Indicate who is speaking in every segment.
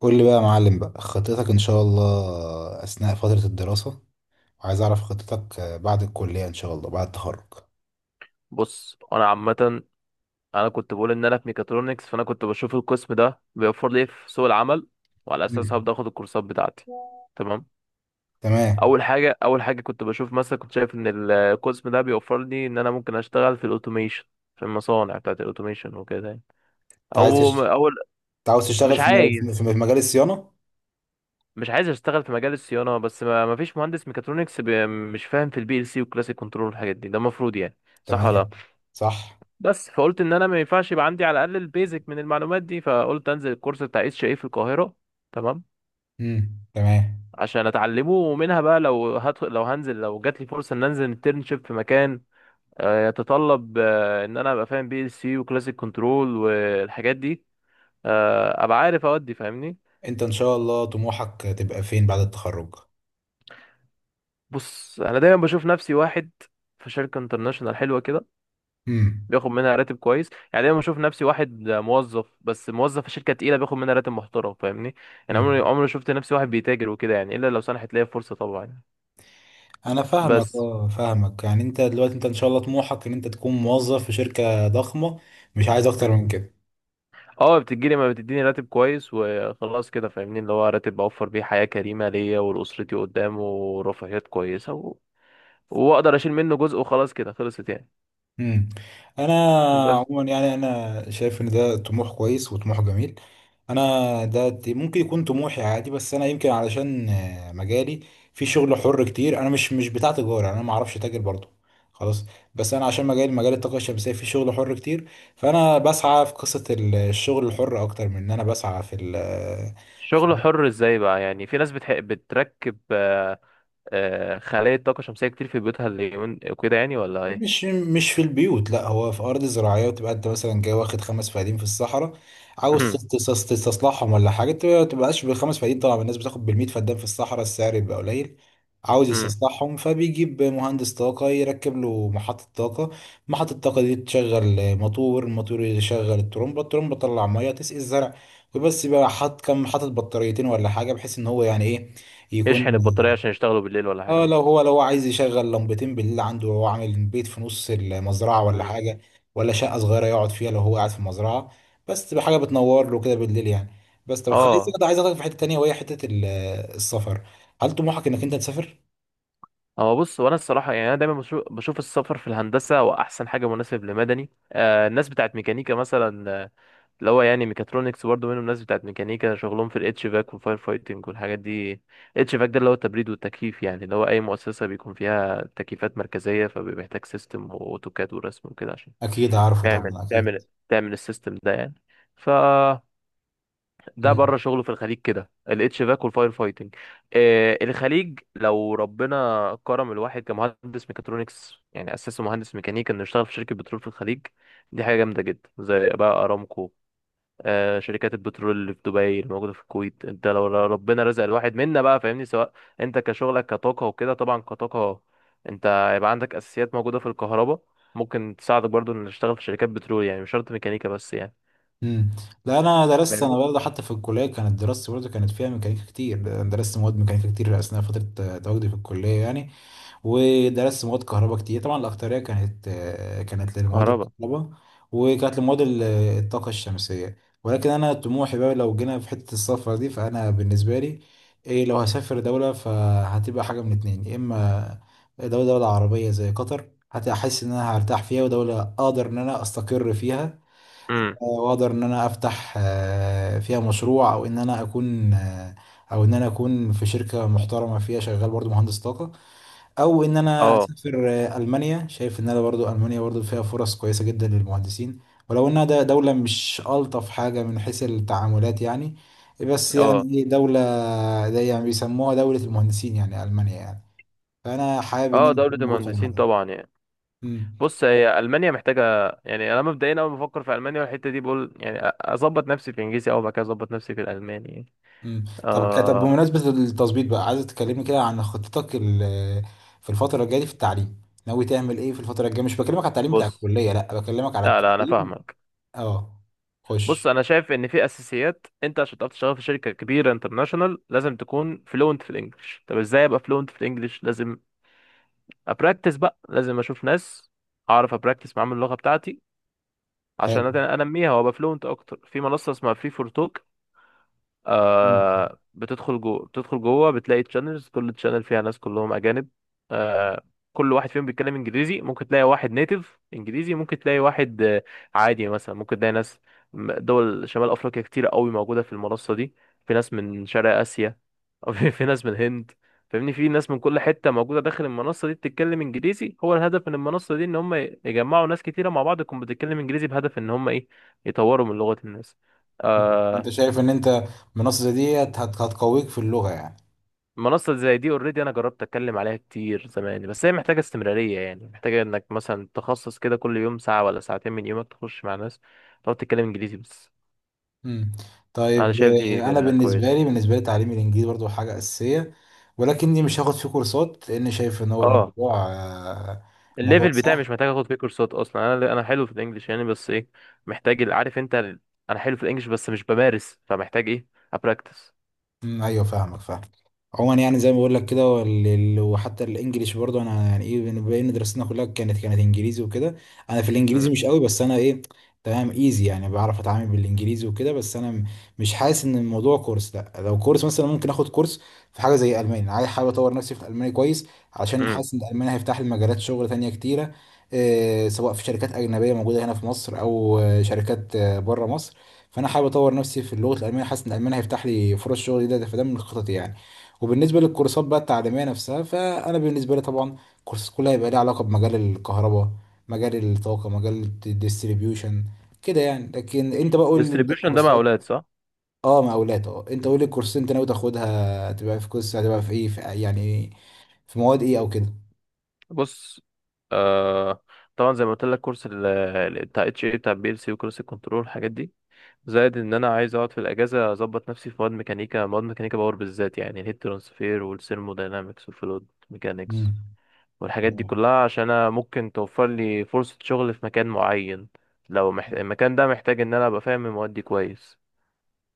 Speaker 1: قول لي بقى يا معلم بقى خطتك ان شاء الله اثناء فترة الدراسة، وعايز اعرف خطتك بعد الكلية ان شاء الله بعد التخرج.
Speaker 2: بص انا عامه. انا كنت بقول ان انا في ميكاترونكس، فانا كنت بشوف القسم ده بيوفر لي إيه في سوق العمل، وعلى اساسها
Speaker 1: مم.
Speaker 2: هبدا اخد الكورسات بتاعتي. تمام.
Speaker 1: تمام.
Speaker 2: اول حاجه كنت بشوف، مثلا كنت شايف ان القسم ده بيوفر لي ان انا ممكن اشتغل في الاوتوميشن، في المصانع بتاعت الاوتوميشن وكده يعني.
Speaker 1: انت عايز
Speaker 2: او
Speaker 1: تشت...
Speaker 2: او
Speaker 1: انت عاوز تشتغل
Speaker 2: مش
Speaker 1: في م-
Speaker 2: عايز
Speaker 1: في في مجال الصيانة؟
Speaker 2: مش عايز اشتغل في مجال الصيانه، بس ما فيش مهندس ميكاترونكس مش فاهم في البي ال سي والكلاسيك كنترول والحاجات دي، ده المفروض يعني، صح ولا لأ؟
Speaker 1: تمام. صح.
Speaker 2: بس فقلت ان انا ما ينفعش يبقى عندي على الاقل البيزك من المعلومات دي، فقلت انزل الكورس بتاع اتش اي في القاهره. تمام،
Speaker 1: تمام.
Speaker 2: عشان اتعلمه، ومنها بقى لو هدخل، لو هنزل، لو جات لي فرصه ان انزل انترنشيب في مكان يتطلب ان انا ابقى فاهم بي ال سي وكلاسيك كنترول والحاجات دي، ابقى عارف. اودي فاهمني.
Speaker 1: انت ان شاء الله طموحك تبقى فين بعد التخرج؟
Speaker 2: بص انا دايما بشوف نفسي واحد في شركه انترناشونال حلوه كده،
Speaker 1: امم.
Speaker 2: بياخد منها راتب كويس. يعني دايما بشوف نفسي واحد موظف، بس موظف في شركه تقيله بياخد منها راتب محترم، فاهمني؟ يعني
Speaker 1: امم.
Speaker 2: عمري ما شفت نفسي واحد بيتاجر وكده يعني، الا لو سنحت ليا فرصه طبعا.
Speaker 1: انا فاهمك،
Speaker 2: بس.
Speaker 1: اه فاهمك، يعني انت دلوقتي انت ان شاء الله طموحك ان انت تكون موظف في شركة ضخمة؟ مش عايز اكتر من كده؟
Speaker 2: اه، بتجيلي ما بتديني راتب كويس وخلاص كده، فاهمني، اللي هو راتب اوفر بيه حياه كريمه ليا ولاسرتي قدام، ورفاهيات كويسه، و واقدر اشيل منه جزء، وخلاص كده خلصت يعني.
Speaker 1: مم. انا
Speaker 2: بس.
Speaker 1: عموما يعني انا شايف ان ده طموح كويس وطموح جميل. ممكن يكون طموحي عادي، بس انا يمكن علشان مجالي في شغل حر كتير، انا مش بتاع تجاره، انا ما اعرفش تاجر برضو، خلاص. بس انا عشان مجالي مجال الطاقه الشمسيه في شغل حر كتير، فانا بسعى في قصه الشغل الحر اكتر من ان انا بسعى في
Speaker 2: شغل
Speaker 1: ال-
Speaker 2: حر ازاي بقى يعني؟ في ناس بتحق بتركب خلايا طاقه شمسيه كتير في بيوتها اليومين وكده يعني، ولا ايه؟
Speaker 1: مش في البيوت، لا هو في ارض زراعيه، تبقى انت مثلا جاي واخد 5 فدان في الصحراء، عاوز تستصلحهم ولا حاجه، تبقاش بالخمس فدان، طبعا الناس بتاخد بالمية فدان في الصحراء السعر بيبقى قليل. عاوز يستصلحهم، فبيجيب مهندس طاقه يركب له محطه طاقه، محطه الطاقه دي تشغل موتور، الموتور يشغل الترمبه، الترمبه تطلع ميه تسقي الزرع. وبس بقى حاطط بطاريتين ولا حاجه، بحيث ان هو يعني ايه يكون.
Speaker 2: يشحن البطارية
Speaker 1: مم.
Speaker 2: عشان يشتغلوا بالليل ولا حاجة
Speaker 1: اه، لو
Speaker 2: مثلا.
Speaker 1: هو لو هو عايز يشغل لمبتين بالليل عنده، وهو عامل بيت في نص المزرعة ولا
Speaker 2: مم.
Speaker 1: حاجة، ولا شقة صغيرة يقعد فيها لو هو قاعد في المزرعة، بس تبقى حاجة بتنور له كده بالليل يعني. بس طب خليك
Speaker 2: اه.
Speaker 1: كده، عايز اخدك في حتة تانية وهي حتة السفر. هل طموحك انك انت تسافر؟
Speaker 2: هو بص، وانا الصراحه يعني انا دايما بشوف السفر في الهندسه، واحسن حاجه مناسب لمدني. الناس بتاعت ميكانيكا مثلا، اللي هو يعني ميكاترونكس برضه منهم، الناس بتاعت ميكانيكا شغلهم في الاتش فاك والفاير فايتنج والحاجات دي. اتش فاك ده اللي هو التبريد والتكييف، يعني اللي هو اي مؤسسه بيكون فيها تكييفات مركزيه فبيبقى محتاج سيستم واوتوكاد ورسم وكده، عشان
Speaker 1: اكيد عارفه
Speaker 2: تعمل
Speaker 1: طبعا، اكيد.
Speaker 2: تعمل تعمل السيستم ده يعني. ف ده
Speaker 1: امم.
Speaker 2: بره شغله في الخليج كده، الاتش فاك والفاير فايتنج. الخليج، لو ربنا كرم الواحد كمهندس ميكاترونكس، يعني اساسه مهندس ميكانيكا، انه يشتغل في شركه بترول في الخليج، دي حاجه جامده جدا، زي بقى ارامكو. شركات البترول اللي في دبي، اللي موجوده في الكويت. انت لو ربنا رزق الواحد منا بقى، فاهمني، سواء انت كشغلك كطاقه وكده، طبعا كطاقه انت يبقى عندك اساسيات موجوده في الكهرباء، ممكن تساعدك برضو انك تشتغل في شركات بترول، يعني مش شرط ميكانيكا بس يعني،
Speaker 1: امم. لا، انا درست، انا
Speaker 2: فاهمني.
Speaker 1: برضه حتى في الكليه كانت دراستي برضه كانت فيها ميكانيكا كتير، درست مواد ميكانيكا كتير اثناء فتره تواجدي في الكليه يعني. ودرست مواد كهرباء كتير، طبعا الأكترية كانت، كانت لمواد
Speaker 2: كهرباء.
Speaker 1: الكهرباء، وكانت لمواد الطاقة الشمسية. ولكن أنا طموحي بقى، لو جينا في حتة السفر دي فأنا بالنسبة لي إيه، لو هسافر دولة فهتبقى حاجة من اتنين، يا إما دولة عربية زي قطر هتحس إن أنا هرتاح فيها ودولة أقدر إن أنا أستقر فيها،
Speaker 2: امم.
Speaker 1: وأقدر إن أنا أفتح فيها مشروع، أو إن أنا أكون في شركة محترمة فيها شغال برضو مهندس طاقة، او ان انا
Speaker 2: اه،
Speaker 1: اسافر المانيا. شايف ان انا برضو المانيا برضو فيها فرص كويسه جدا للمهندسين، ولو انها ده دوله مش الطف حاجه من حيث التعاملات يعني، بس
Speaker 2: اه،
Speaker 1: يعني إيه دوله زي، يعني بيسموها دوله المهندسين يعني، المانيا يعني، فانا حابب ان
Speaker 2: اه،
Speaker 1: انا
Speaker 2: دولة
Speaker 1: اكون موجود في
Speaker 2: المهندسين
Speaker 1: المانيا.
Speaker 2: طبعا يعني.
Speaker 1: امم.
Speaker 2: بص، هي ألمانيا محتاجة، يعني أنا مبدئيا أول ما بفكر في ألمانيا والحتة دي بقول يعني أظبط نفسي في الإنجليزي أول، ما كده أظبط نفسي في الألماني يعني.
Speaker 1: طب
Speaker 2: آه.
Speaker 1: بمناسبه التظبيط بقى، عايز تكلمني كده عن خطتك في الفتره الجايه دي في التعليم؟ ناوي تعمل ايه في الفتره الجايه؟ مش بكلمك على التعليم بتاع
Speaker 2: بص،
Speaker 1: الكليه، لا بكلمك على
Speaker 2: لا، لا، أنا
Speaker 1: التعليم.
Speaker 2: فاهمك.
Speaker 1: اه،
Speaker 2: بص،
Speaker 1: خش.
Speaker 2: أنا شايف إن في أساسيات، أنت عشان تعرف تشتغل في شركة كبيرة انترناشونال لازم تكون فلوينت في الإنجليش. طب إزاي أبقى فلوينت في الإنجليش؟ لازم أبراكتس بقى، لازم أشوف ناس أعرف أبراكتس معاهم اللغة بتاعتي عشان أنميها وأبقى فلوينت أكتر. في منصة اسمها فري فور توك،
Speaker 1: حلو.
Speaker 2: بتدخل جوه بتلاقي تشانلز، كل تشانل فيها ناس كلهم اجانب. آه كل واحد فيهم بيتكلم انجليزي، ممكن تلاقي واحد نيتيف انجليزي، ممكن تلاقي واحد عادي، يعني مثلا ممكن تلاقي ناس دول شمال افريقيا كتير قوي موجوده في المنصه دي، في ناس من شرق اسيا، أو في ناس من الهند. فاهمني، في ناس من كل حته موجوده داخل المنصه دي بتتكلم انجليزي. هو الهدف من المنصه دي ان هم يجمعوا ناس كتيره مع بعض تكون بتتكلم انجليزي، بهدف ان هم ايه، يطوروا من لغه الناس
Speaker 1: مم. انت
Speaker 2: آه،
Speaker 1: شايف ان انت منصة زي ديت هتقويك في اللغة يعني؟
Speaker 2: منصة زي دي اوريدي انا جربت اتكلم عليها كتير زمان، بس هي محتاجة استمرارية، يعني محتاجة انك مثلا تخصص كده كل يوم ساعة ولا ساعتين من يومك تخش مع ناس تقعد تتكلم انجليزي بس.
Speaker 1: مم.
Speaker 2: انا
Speaker 1: طيب.
Speaker 2: شايف دي
Speaker 1: انا
Speaker 2: كده
Speaker 1: بالنسبة
Speaker 2: كويس.
Speaker 1: لي، تعليم الانجليزي برضو حاجة اساسية، ولكني مش هاخد فيه كورسات لان شايف ان هو
Speaker 2: اه.
Speaker 1: الموضوع، الموضوع
Speaker 2: الليفل بتاعي مش
Speaker 1: سهل.
Speaker 2: محتاج اخد فيه كورسات اصلا، انا حلو في الانجليش يعني، بس ايه، محتاج عارف انت انا حلو في الانجليش بس مش بمارس، فمحتاج ايه، ابراكتس.
Speaker 1: مم، ايوه فاهمك فاهم. عموما يعني زي ما بقول لك كده، وال- ال- وحتى الانجليش برضه، انا يعني ايه بين دراستنا كلها كانت انجليزي وكده، انا في الانجليزي
Speaker 2: امم.
Speaker 1: مش قوي، بس انا ايه، تمام، ايزي يعني، بعرف اتعامل بالانجليزي وكده، بس انا مش حاسس ان الموضوع كورس. لا، لو كورس مثلا ممكن اخد كورس في حاجه زي الماني، انا عايز حابب اطور نفسي في الالماني كويس، عشان
Speaker 2: امم
Speaker 1: حاسس ان الالماني هيفتح لي مجالات شغل تانية كتيره، إيه سواء في شركات اجنبيه موجوده هنا في مصر او شركات بره مصر. فانا حابب اطور نفسي في اللغه الالمانيه، حاسس ان الالماني هيفتح لي فرص شغل جديده، فده من خططي يعني. وبالنسبه للكورسات بقى التعليميه نفسها، فانا بالنسبه لي طبعا الكورسات كلها هيبقى ليها علاقه بمجال الكهرباء، مجال الطاقه، مجال الديستريبيوشن كده يعني. لكن انت بقى قول لي انت
Speaker 2: ديستريبيوشن ده مع
Speaker 1: الكورسات،
Speaker 2: اولاد، صح؟
Speaker 1: اه مقاولات، اه انت قول لي الكورسات انت ناوي تاخدها تبقى في كورس، هتبقى في ايه في يعني، في مواد ايه او كده؟
Speaker 2: بص. آه طبعا زي ما قلت لك كورس بتاع اتش اي، بتاع بي ال سي، وكورس الكنترول، الحاجات دي، زائد ان انا عايز اقعد في الاجازه اظبط نفسي في مواد ميكانيكا، مواد ميكانيكا باور بالذات، يعني الهيت ترانسفير والثيرموداينامكس والفلويد ميكانيكس
Speaker 1: امم
Speaker 2: والحاجات دي
Speaker 1: تمام،
Speaker 2: كلها، عشان انا ممكن توفر لي فرصه شغل في مكان معين، لو المكان ده محتاج ان انا ابقى فاهم المواد دي كويس.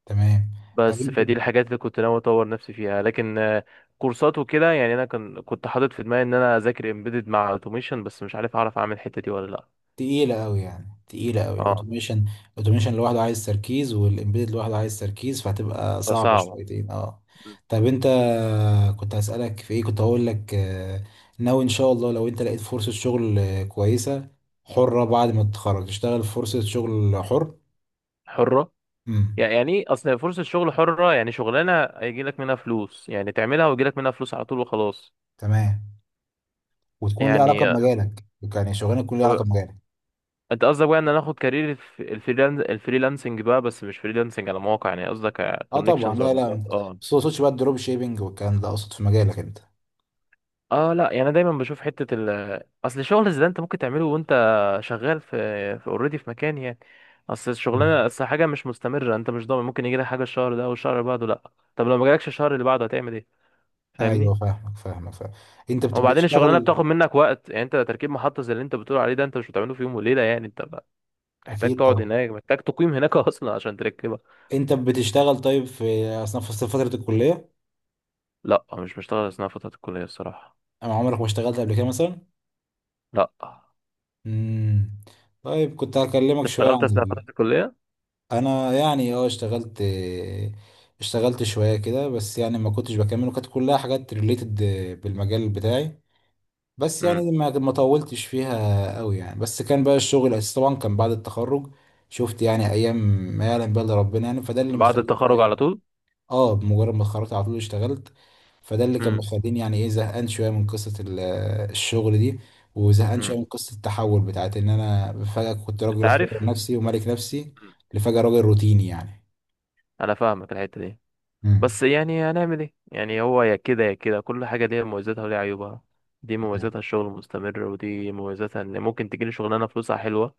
Speaker 1: تمام. طب
Speaker 2: بس
Speaker 1: انت،
Speaker 2: فدي الحاجات اللي كنت ناوي اطور نفسي فيها. لكن كورسات وكده يعني، انا كنت حاطط في دماغي ان انا اذاكر امبيدد مع اوتوميشن، بس مش عارف اعرف اعمل الحته دي ولا لا.
Speaker 1: تقيلة أوي يعني، تقيلة أوي
Speaker 2: اه،
Speaker 1: الأوتوميشن، الأوتوميشن لوحده عايز تركيز والإمبيدد لوحده عايز تركيز، فهتبقى صعبة
Speaker 2: فصعبه.
Speaker 1: شويتين أه. طب أنت، كنت هسألك في إيه، كنت هقول لك ناوي إن شاء الله لو أنت لقيت فرصة شغل كويسة، حرة، بعد ما تتخرج تشتغل في فرصة شغل حر؟
Speaker 2: حره،
Speaker 1: امم.
Speaker 2: يعني ايه، اصل فرصة الشغل حرة يعني شغلانة هيجي لك منها فلوس، يعني تعملها ويجي لك منها فلوس على طول وخلاص.
Speaker 1: تمام. وتكون ليها علاقة
Speaker 2: يعني
Speaker 1: بمجالك، يعني شغلانة تكون ليها علاقة بمجالك.
Speaker 2: انت قصدك بقى ان انا اخد كارير الفريلانسنج بقى، بس مش فريلانسنج على مواقع، يعني قصدك
Speaker 1: أه طبعا،
Speaker 2: كونكشنز
Speaker 1: لا
Speaker 2: وعلاقات.
Speaker 1: لا،
Speaker 2: اه.
Speaker 1: بس ما اقصدش بقى الدروب شيبينج والكلام ده، أقصد في مجالك أنت.
Speaker 2: اه، لا، يعني أنا دايما بشوف حتة ال اصل الشغل زي ده انت ممكن تعمله وانت شغال في اوريدي في مكان يعني. اصل
Speaker 1: مم.
Speaker 2: الشغلانة، اصل حاجة مش مستمرة، انت مش ضامن، ممكن يجي لك حاجة الشهر ده والشهر اللي بعده لا. طب لو ما جالكش الشهر اللي بعده هتعمل ايه؟
Speaker 1: ايوه
Speaker 2: فاهمني.
Speaker 1: فاهمك فاهمك فاهم. انت
Speaker 2: وبعدين الشغلانه
Speaker 1: بتشتغل؟
Speaker 2: بتاخد منك وقت، يعني انت تركيب محطه زي اللي انت بتقول عليه ده انت مش بتعمله في يوم وليله يعني، انت بقى محتاج
Speaker 1: اكيد
Speaker 2: تقعد
Speaker 1: طبعا.
Speaker 2: هناك، محتاج تقيم هناك اصلا عشان تركبها.
Speaker 1: انت بتشتغل طيب في اثناء فتره الكليه؟
Speaker 2: لا، مش بشتغل اثناء فتره الكليه الصراحه.
Speaker 1: انا عمرك ما اشتغلت قبل كده مثلا؟
Speaker 2: لا.
Speaker 1: امم. طيب كنت
Speaker 2: انت
Speaker 1: هكلمك شويه
Speaker 2: اشتغلت
Speaker 1: عن
Speaker 2: اثناء فتره الكليه.
Speaker 1: انا يعني اه، اشتغلت، اشتغلت شويه كده، بس يعني ما كنتش بكمل، وكانت كلها حاجات ريليتد بالمجال بتاعي، بس
Speaker 2: امم.
Speaker 1: يعني ما طولتش فيها قوي يعني، بس كان بقى الشغل الاساسي طبعا كان بعد التخرج. شفت يعني ايام ما يعلم بقى إلا ربنا يعني، فده اللي
Speaker 2: بعد
Speaker 1: مخليني بقى
Speaker 2: التخرج
Speaker 1: ايه.
Speaker 2: على طول.
Speaker 1: اه، بمجرد ما اتخرجت على طول اشتغلت، فده اللي كان
Speaker 2: امم.
Speaker 1: مخليني يعني ايه زهقان شويه من قصه الشغل دي، وزهقان شويه
Speaker 2: امم
Speaker 1: من قصه التحول بتاعت ان انا فجاه كنت
Speaker 2: انت
Speaker 1: راجل حر
Speaker 2: عارف.
Speaker 1: نفسي وملك نفسي
Speaker 2: مم.
Speaker 1: لفجاه راجل روتيني يعني.
Speaker 2: انا فاهمك الحته دي،
Speaker 1: مم.
Speaker 2: بس يعني هنعمل ايه يعني، هو يا كده يا كده، كل حاجه ليها مميزاتها وليها عيوبها. دي
Speaker 1: مم.
Speaker 2: مميزاتها الشغل المستمر، ودي مميزاتها ان ممكن تجيلي شغلانه فلوسها حلوه،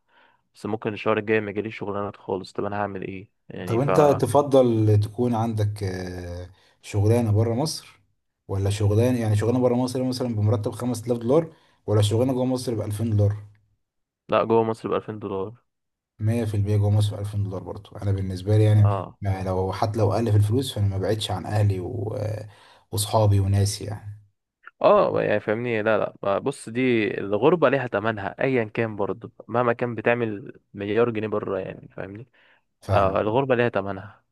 Speaker 2: بس ممكن الشهر الجاي ما يجيليش شغلانات خالص، طب انا هعمل ايه يعني؟
Speaker 1: طب انت تفضل تكون عندك شغلانه بره مصر، ولا شغلانه، يعني شغلانه بره مصر مثلا بمرتب 5000 دولار، ولا شغلانه جوه مصر ب 2000 دولار؟
Speaker 2: لا، جوه مصر ب 2000 دولار.
Speaker 1: 100% جوه مصر، 2000 دولار برضو، أنا بالنسبة لي يعني،
Speaker 2: اه.
Speaker 1: ما لو حتى لو أقل في الفلوس فأنا ما بعدش عن أهلي و... وصحابي وناسي يعني.
Speaker 2: اه، يعني فاهمني، لا، لا، بص، دي الغربة ليها تمنها ايا كان برضه، مهما كان بتعمل مليار جنيه بره يعني، فاهمني.
Speaker 1: فاهمك.
Speaker 2: الغربة ليها تمنها.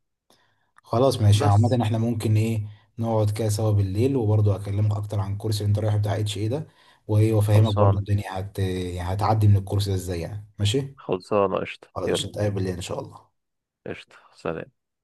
Speaker 1: خلاص ماشي، عامة
Speaker 2: بس.
Speaker 1: احنا ممكن إيه نقعد كده سوا بالليل، وبرضو أكلمك أكتر عن الكورس اللي أنت رايحه بتاع اتش إيه ده، وإيه وأفهمك برضو
Speaker 2: خلصانة،
Speaker 1: الدنيا يعني هتعدي من الكورس ده إزاي يعني، ماشي.
Speaker 2: خلصانة، قشطة،
Speaker 1: خلاص مش
Speaker 2: يلا.
Speaker 1: هنتقابل بالليل إن شاء الله.
Speaker 2: قشطة، سلام.